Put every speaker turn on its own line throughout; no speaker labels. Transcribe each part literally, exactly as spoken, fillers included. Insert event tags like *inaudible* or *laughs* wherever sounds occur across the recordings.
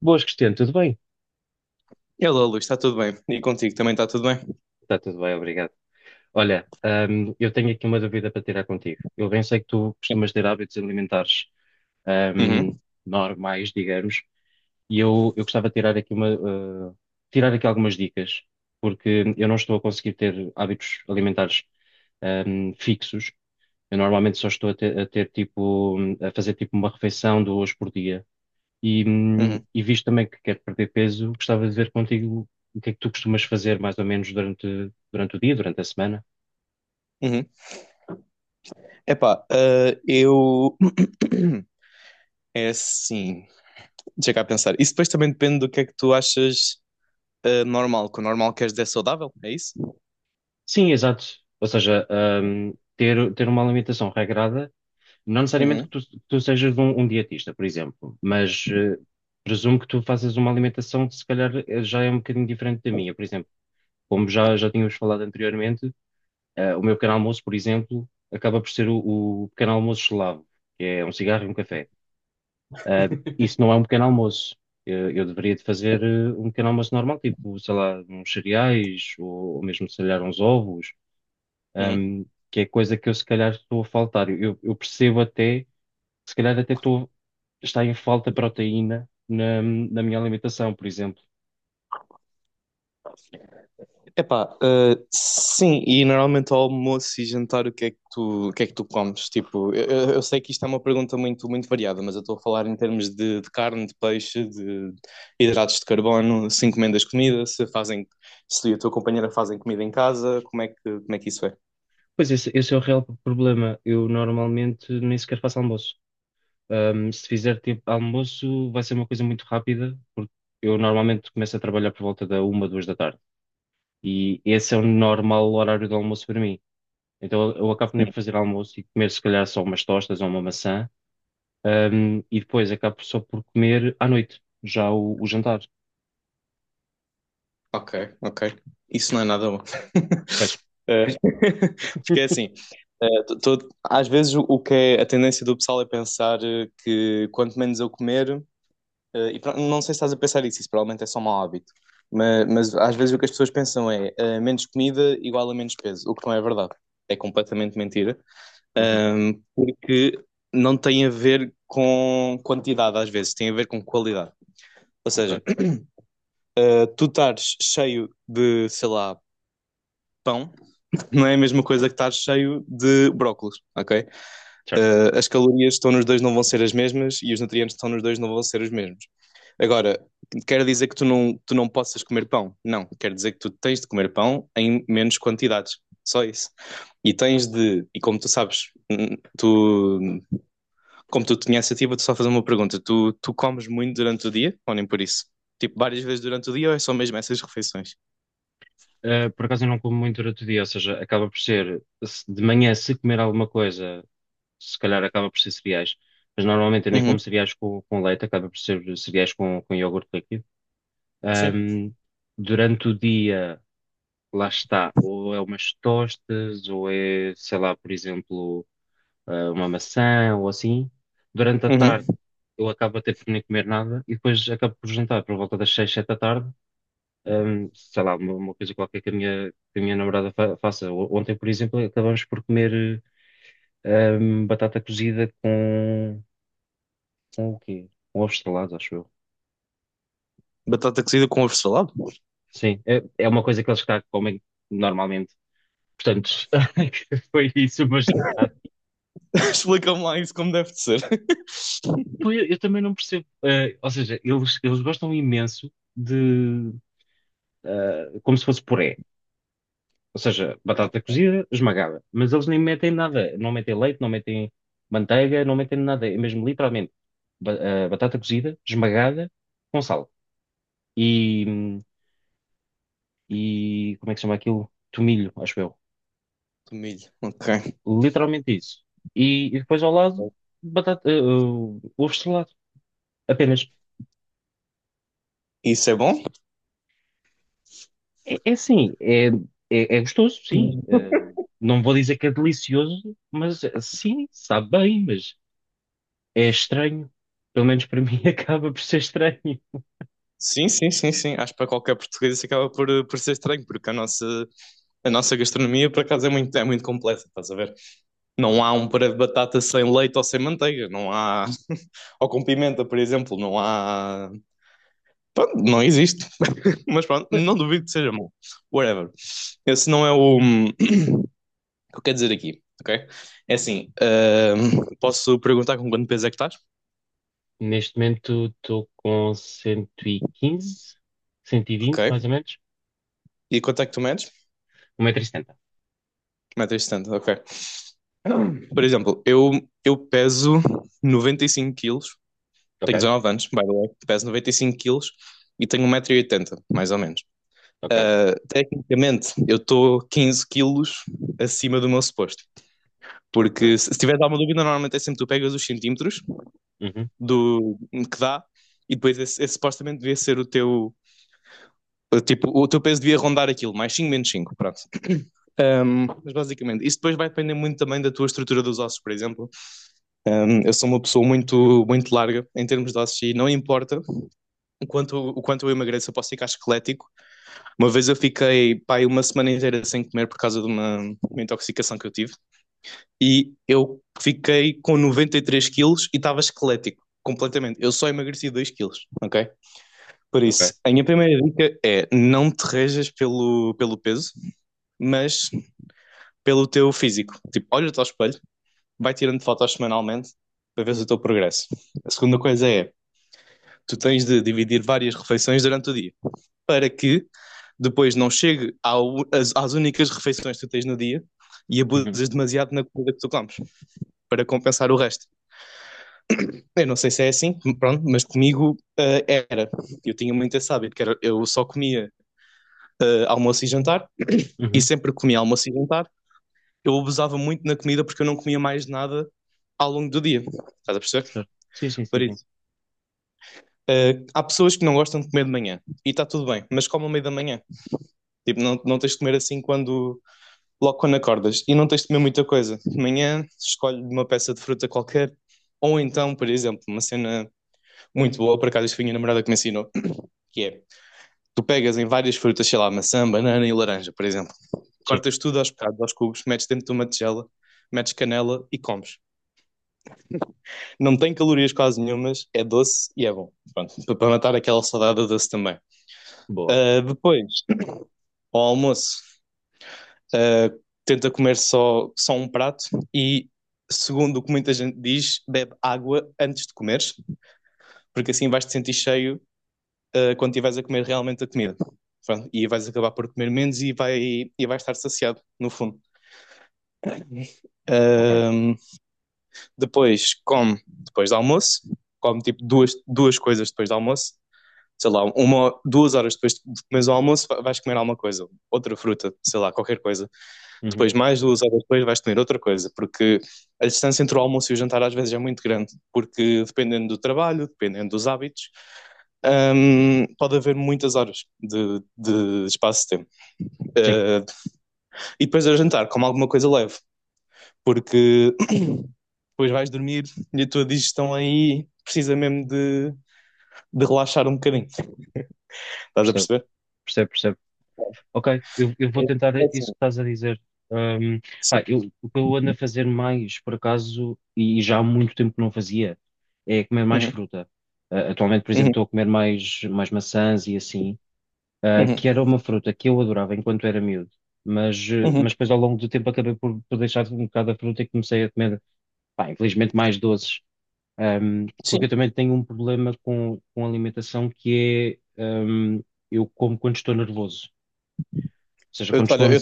Boas, Cristiano, tudo bem?
Hello, Luís, está tudo bem? E contigo também está tudo bem?
Está tudo bem, obrigado. Olha, hum, eu tenho aqui uma dúvida para tirar contigo. Eu bem sei que tu costumas ter hábitos alimentares, hum,
Uhum,
normais, digamos, e eu, eu gostava de tirar aqui uma, uh, tirar aqui algumas dicas, porque eu não estou a conseguir ter hábitos alimentares, hum, fixos. Eu normalmente só estou a ter, a ter tipo, hum, a fazer tipo uma refeição duas por dia. E, hum,
uhum,
e visto também que quero perder peso, gostava de ver contigo o que é que tu costumas fazer mais ou menos durante, durante o dia, durante a semana.
uhum. Epá, ah, eu. *clears throat* É assim. Deixa cá pensar. Isso depois também depende do que é que tu achas ah, normal. Que o normal queres dizer saudável, é isso?
Sim, exato. Ou seja, hum, ter, ter uma alimentação regrada, não necessariamente que
Uhum,
tu, que tu sejas um, um dietista, por exemplo, mas eh, presumo que tu faças uma alimentação que se calhar eh, já é um bocadinho diferente da minha. Por exemplo, como já, já tínhamos falado anteriormente, eh, o meu pequeno almoço, por exemplo, acaba por ser o, o pequeno almoço eslavo, que é um cigarro e um café. Ah, isso não é um pequeno almoço. Eu, eu deveria de fazer eh, um pequeno almoço normal, tipo, sei lá, uns cereais ou, ou mesmo, se calhar, uns ovos,
uhum.
ahm, que é coisa que eu, se calhar, estou a faltar. Eu, eu percebo até, se calhar, até estou, está em falta proteína na, na minha alimentação, por exemplo.
Epá, ah, sim, e normalmente ao almoço e jantar o que é que tu, o que é que tu comes? Tipo, eu, eu- eu sei que isto é uma pergunta muito, muito variada, mas eu estou a falar em termos de, de carne, de peixe, de hidratos de carbono, se encomendas comida, se fazem, se a tua companheira fazem comida em casa, como é que, como é que isso é?
Pois esse, esse é o real problema. Eu normalmente nem sequer faço almoço. Ahm, se fizer tipo almoço, vai ser uma coisa muito rápida, porque eu normalmente começo a trabalhar por volta da uma, duas da tarde. E esse é o normal horário do almoço para mim. Então eu acabo nem
Sim.
por fazer almoço e comer se calhar só umas tostas ou uma maçã, ahm, e depois acabo só por comer à noite, já o, o jantar.
Ok, ok. Isso não é nada bom.
Pois,
*laughs* Eh, *laughs* Porque é assim, eh, tô- tô- às vezes o o que é a tendência do pessoal é pensar eh, que quanto menos eu comer. Eh, e pro- não sei se estás a pensar isso, isso provavelmente é só um mau hábito. Mas, mas às vezes o que as pessoas pensam é eh, menos comida igual a menos peso, o que não é verdade. É completamente mentira.
uhum,
Ahm, porque não tem a ver com quantidade, às vezes, tem a ver com qualidade. Ou
ok,
seja, eh, tu estares cheio de, sei lá, pão, *laughs* não é a mesma coisa que estares cheio de brócolos, ok?
certo.
Uh, as calorias que estão nos dois não vão ser as mesmas e os nutrientes que estão nos dois não vão ser os mesmos. Agora, quer dizer que tu não, tu não possas comer pão? Não, quer dizer que tu tens de comer pão em menos quantidades, só isso. E tens de, e como tu sabes, tu, como tu tinha essa ativa, tu só fazer uma pergunta, tu, tu comes muito durante o dia ou nem por isso? Tipo, várias vezes durante o dia ou é só mesmo essas refeições?
Ah, por acaso eu não como muito durante o dia, ou seja, acaba por ser, se- de manhã se comer alguma coisa, se calhar acaba por ser cereais, mas normalmente eu nem
Uhum.
como cereais com, com leite, acaba por ser cereais com, com iogurte líquido.
Sim.
Ahm, Durante o dia. Lá está, ou é umas tostas, ou é, sei lá, por exemplo, ah, uma maçã ou assim. Durante a
Uhum.
tarde eu acabo até por nem comer nada e depois acabo por jantar por volta das seis, sete da tarde, ahm, sei lá, uma, uma coisa qualquer que a minha, que a minha namorada fa- faça. O- Ontem, por exemplo, acabamos por comer ahm, batata cozida com, com o quê? Com ovos estrelados, acho eu.
Batata cozida com ovo salado?
Sim, é, é uma coisa que eles cá comem normalmente. Portanto, *laughs* foi isso, mas.
*laughs* Explica-me lá isso como deve de ser. *laughs*
Pô, eu, eu também não percebo. Eh, ou seja, eles, eles gostam imenso de. Eh, como se fosse puré. Ou seja, batata cozida, esmagada. Mas eles nem metem nada. Não metem leite, não metem manteiga, não metem nada. É mesmo literalmente ba- eh, batata cozida, esmagada, com sal. E, e. Como é que se chama aquilo? Tomilho, acho eu.
Milho, ok.
Literalmente isso. E, e depois ao lado, batata, eh, eh, ovo estrelado. Apenas.
Isso é bom?
É, é assim, é, é, é gostoso, sim. Eh, não vou dizer que é delicioso, mas eh, sim, sabe bem, mas é estranho. Pelo menos para *laughs* mim acaba por ser estranho.
Sim, sim, sim, sim. Acho que para qualquer português isso acaba por, por ser estranho, porque a nossa, a nossa gastronomia, por acaso, é muito, é muito complexa, estás a ver? Não há um puré de batata sem leite ou sem manteiga, não há. Ou com pimenta, por exemplo, não há. Pronto, não existe. *laughs* Mas pronto, não duvido que seja bom. Whatever. Esse não é o o que eu quero dizer aqui, ok? É assim, ahm, posso perguntar com quanto peso é que estás?
Neste momento estou com cento cento e quinze, cento e vinte,
Ok.
mais ou menos.
E quanto é que tu medes?
um metro e setenta.
um metro e setenta, ok. Por exemplo, eu, eu peso noventa e cinco quilos,
Ok,
tenho dezenove anos, by the way, peso noventa e cinco quilos e tenho um metro e oitenta mais ou menos.
ok,
Tecnicamente, eu estou quinze quilos acima do meu suposto.
ok.
Porque se se tiveres alguma dúvida, normalmente é sempre tu pegas os centímetros
Uhum,
do que dá e depois esse, esse supostamente devia ser o teu. Tipo, o teu peso devia rondar aquilo, mais cinco menos cinco pronto. Mas basicamente, isso depois vai depender muito também da tua estrutura dos ossos, por exemplo. Hum, Eu sou uma pessoa muito, muito larga em termos de ossos e não importa o quanto, o quanto eu emagreço, eu posso ficar esquelético. Uma vez eu fiquei, pá, uma semana inteira sem comer por causa de uma, uma intoxicação que eu tive e eu fiquei com noventa e três quilos e estava esquelético, completamente. Eu só emagreci dois quilos, ok? Por
ok.
isso, a minha primeira dica é não te rejas pelo, pelo peso, mas pelo teu físico. Tipo, olha-te ao espelho, vai tirando fotos semanalmente para ver o teu progresso. A segunda coisa é, tu tens de dividir várias refeições durante o dia, para que depois não chegue ao, às, às únicas refeições que tu tens no dia e
Uhum,
abusas demasiado na comida que tu comes para compensar o resto. Eu não sei se é assim, pronto, mas comigo uh, era. Eu tinha muito esse hábito, que era, eu só comia uh, almoço e jantar e
uhum.
sempre que comia almoço e jantar. Eu abusava muito na comida porque eu não comia mais nada ao longo do dia. Estás a perceber?
Certo. Sim, sim, sim,
Por
sim.
isso. Uh, há pessoas que não gostam de comer de manhã e está tudo bem, mas comam ao meio da manhã. Tipo, não, não tens de comer assim quando logo quando acordas e não tens de comer muita coisa. De manhã, escolhe uma peça de fruta qualquer, ou então, por exemplo, uma cena muito boa, por acaso, isto foi a minha namorada que me ensinou, que é, tu pegas em várias frutas, sei lá, maçã, banana e laranja, por exemplo,
Sim,
cortas tudo aos bocados, aos cubos, metes dentro de uma tigela, metes canela e comes. Não tem calorias quase nenhumas, é doce e é bom, para matar aquela saudade é doce também.
boa.
Ah, depois, ao almoço, uh, tenta comer só, só um prato e, segundo o que muita gente diz, bebe água antes de comeres, porque assim vais te sentir cheio uh, quando estiveres a comer realmente a comida. Pronto, e vais acabar por comer menos e, vai, e vais estar saciado, no fundo.
Ok.
Uh, Depois come depois do almoço, come tipo duas, duas coisas depois do almoço, sei lá, uma, duas horas depois de comeres o almoço, vais comer alguma coisa, outra fruta, sei lá, qualquer coisa.
Uhum.
Depois, mais duas horas depois, vais comer outra coisa, porque a distância entre o almoço e o jantar às vezes é muito grande, porque dependendo do trabalho, dependendo dos hábitos, hum, pode haver muitas horas de, de espaço de tempo.
Sim,
Eh, e depois ao jantar, como alguma coisa leve, porque *coughs* *clears throat* depois vais dormir e a tua digestão aí precisa mesmo de, de relaxar um bocadinho. Estás a
percebo,
perceber?
percebo, percebo Ok, eu, eu
É,
vou tentar
é assim,
isso que estás a dizer. Um,
sim.
Pá, eu, o que eu ando a fazer mais, por acaso, e já há muito tempo que não fazia, é comer mais
Uhum,
fruta. Uh, atualmente, por exemplo,
uhum,
estou a comer mais, mais maçãs e assim, uh, que
uhum,
era uma fruta que eu adorava enquanto era miúdo, mas, uh,
uhum.
mas depois ao longo do tempo acabei por, por deixar um bocado a fruta e comecei a comer, pá, infelizmente, mais doces. Um,
Sim.
porque eu também tenho um problema com, com alimentação que é, um, eu como quando estou nervoso. Ou seja,
Eu-
quando estou
olha, eu,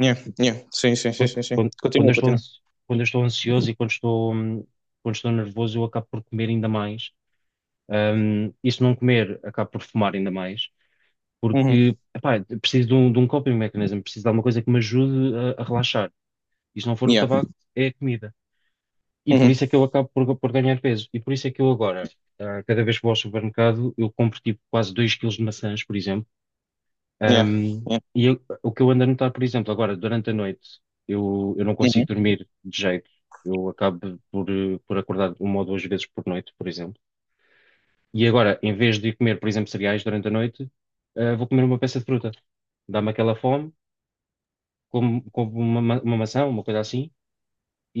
yeah, yeah. Sim, sim, sim, sim, sim.
quando, quando eu
Continua,
estou,
continua.
ans- quando eu estou ansioso e quando estou, hum, quando estou nervoso, eu acabo por comer ainda mais. Hum, e se não comer, acabo por fumar ainda mais,
Uhum.
porque, epá, eu preciso de um, de um coping mechanism, preciso de alguma coisa que me ajude a, a relaxar. E se não for o
Yeah.
tabaco, é a comida. E por isso
Uhum.
é que eu acabo por, por ganhar peso. E por isso é que eu agora, ah, cada vez que vou ao supermercado, eu compro tipo quase dois quilos de maçãs, por exemplo
Yeah.
um,
Yeah.
e eu- o que eu ando a notar, por exemplo, agora, durante a noite, eu, eu não
Uhum.
consigo dormir de jeito. Eu acabo por, eh, por acordar uma ou duas vezes por noite, por exemplo. E agora, em vez de comer, por exemplo, cereais durante a noite, eh, vou comer uma peça de fruta. Dá-me aquela fome, como, como uma, ma- uma maçã, uma coisa assim,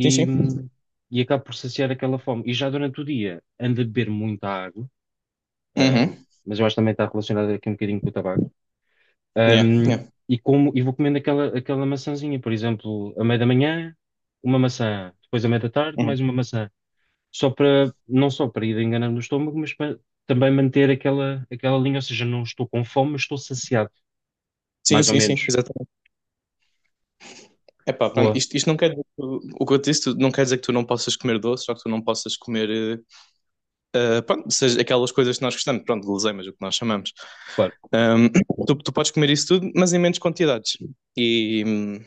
Sim, sim.
hum, e acabo por saciar aquela fome. E já durante o dia, ando a beber muita água, ah,
Uhum.
mas eu acho que também está relacionado aqui um bocadinho com o tabaco
Yeah, yeah.
Um, E como e vou comendo aquela, aquela maçãzinha, por exemplo, à meia da manhã, uma maçã, depois à meia da tarde,
Uhum.
mais uma maçã, só para não só para ir enganando o estômago, mas para também manter aquela aquela linha, ou seja, não estou com fome, mas estou saciado,
Sim,
mais ou
sim, sim,
menos.
exatamente. Epá, pronto,
Boa,
isto, isto não quer dizer que tu, o que eu te disse, tu- não quer dizer que tu não possas comer doce, só que tu não possas comer, eh, eh, pronto, seja aquelas coisas que nós gostamos, pronto, guloseimas, o que nós chamamos.
claro,
Ahm, tu, tu podes comer isso tudo, mas em menos quantidades. E, hum,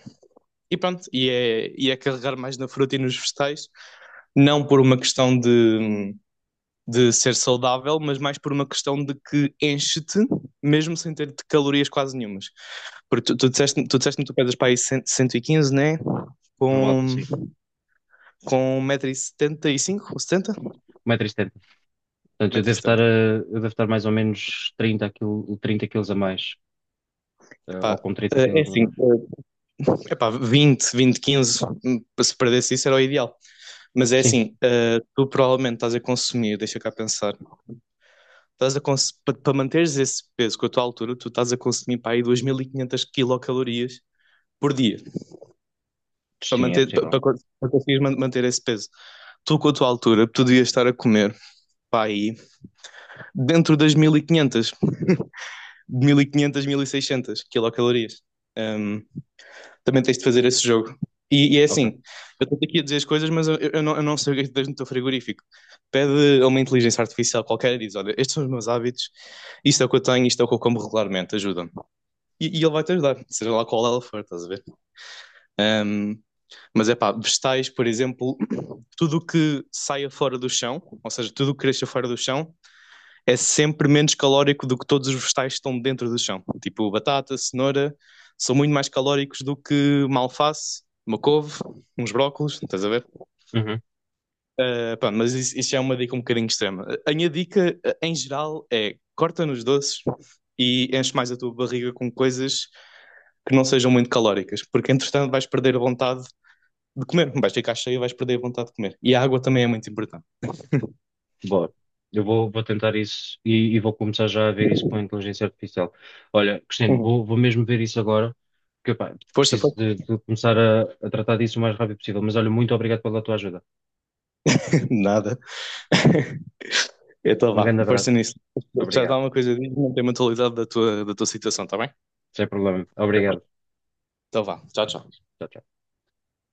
e pronto, e é, e é carregar mais na fruta e nos vegetais, não por uma questão de, de ser saudável, mas mais por uma questão de que enche-te, mesmo sem ter calorias quase nenhumas. Porque tu, tu
já,
disseste-me tu, disseste tu pesas para aí cento e quinze, né?
por volta
Com,
assim,
com um metro e setenta e cinco ou setenta?
um metro e setenta. Portanto, eu devo estar a,
um metro e setenta.
eu devo estar mais ou menos trinta quilo, trinta quilos a mais, eh, ou
Epá,
com trinta
eh, é
quilos a
assim,
mais.
eh, epá, vinte, vinte, quinze, se perdesse isso era o ideal. Mas é
Sim,
assim, eh, tu provavelmente estás a consumir, deixa cá pensar, estás a cons- para manteres esse peso com a tua altura, tu estás a consumir para aí duas mil e quinhentas quilocalorias por dia. Para
sim, é
manter, para,
possível.
para, para conseguires man- manter esse peso. Tu, com a tua altura, tu devias estar a comer, pá, aí, dentro das mil mil e e quinhentas mil e quinhentas mil e seiscentas quilocalorias. Hum, Também tens de fazer esse jogo. E, e é
Ok.
assim, eu estou aqui a dizer as coisas, mas eu, eu não, eu não sei o que é que tu tens no teu frigorífico. Pede a uma inteligência artificial qualquer e diz, olha, estes são os meus hábitos, isto é o que eu tenho, isto é o que eu como regularmente, ajuda-me. E, e ele vai-te ajudar, seja lá qual ela for, estás a ver? Hum, mas é pá, vegetais, por exemplo, tudo o que saia fora do chão, ou seja, tudo o que cresça fora do chão, é sempre menos calórico do que todos os vegetais que estão dentro do chão. Tipo batata, cenoura, são muito mais calóricos do que uma alface, uma couve, uns brócolos, estás a ver?
Uhum.
Ah, pá, mas isso, isso é uma dica um bocadinho extrema. A minha dica, eh, em geral, é corta nos doces e enche mais a tua barriga com coisas que não sejam muito calóricas, porque entretanto vais perder a vontade de comer, vais ficar cheio e vais perder a vontade de comer. E a água também é muito importante.
Bora. Eu vou, vou tentar isso e, e vou começar já a ver isso com a inteligência artificial. Olha, Cristino,
Uhum.
vou, vou mesmo ver isso agora, porque pá,
Força,
preciso
força.
de, de começar a, a tratar disso o mais rápido possível. Mas olha, muito obrigado pela tua ajuda.
Nada. *laughs* Então
Um
vá,
grande abraço.
força nisso. Já dá
Obrigado.
uma coisa, diz-me, mantém a atualidade da tua, da tua situação, está bem?
Sem problema.
Tá bem.
Obrigado.
Então vá, tchau, tchau.
Tchau, tchau.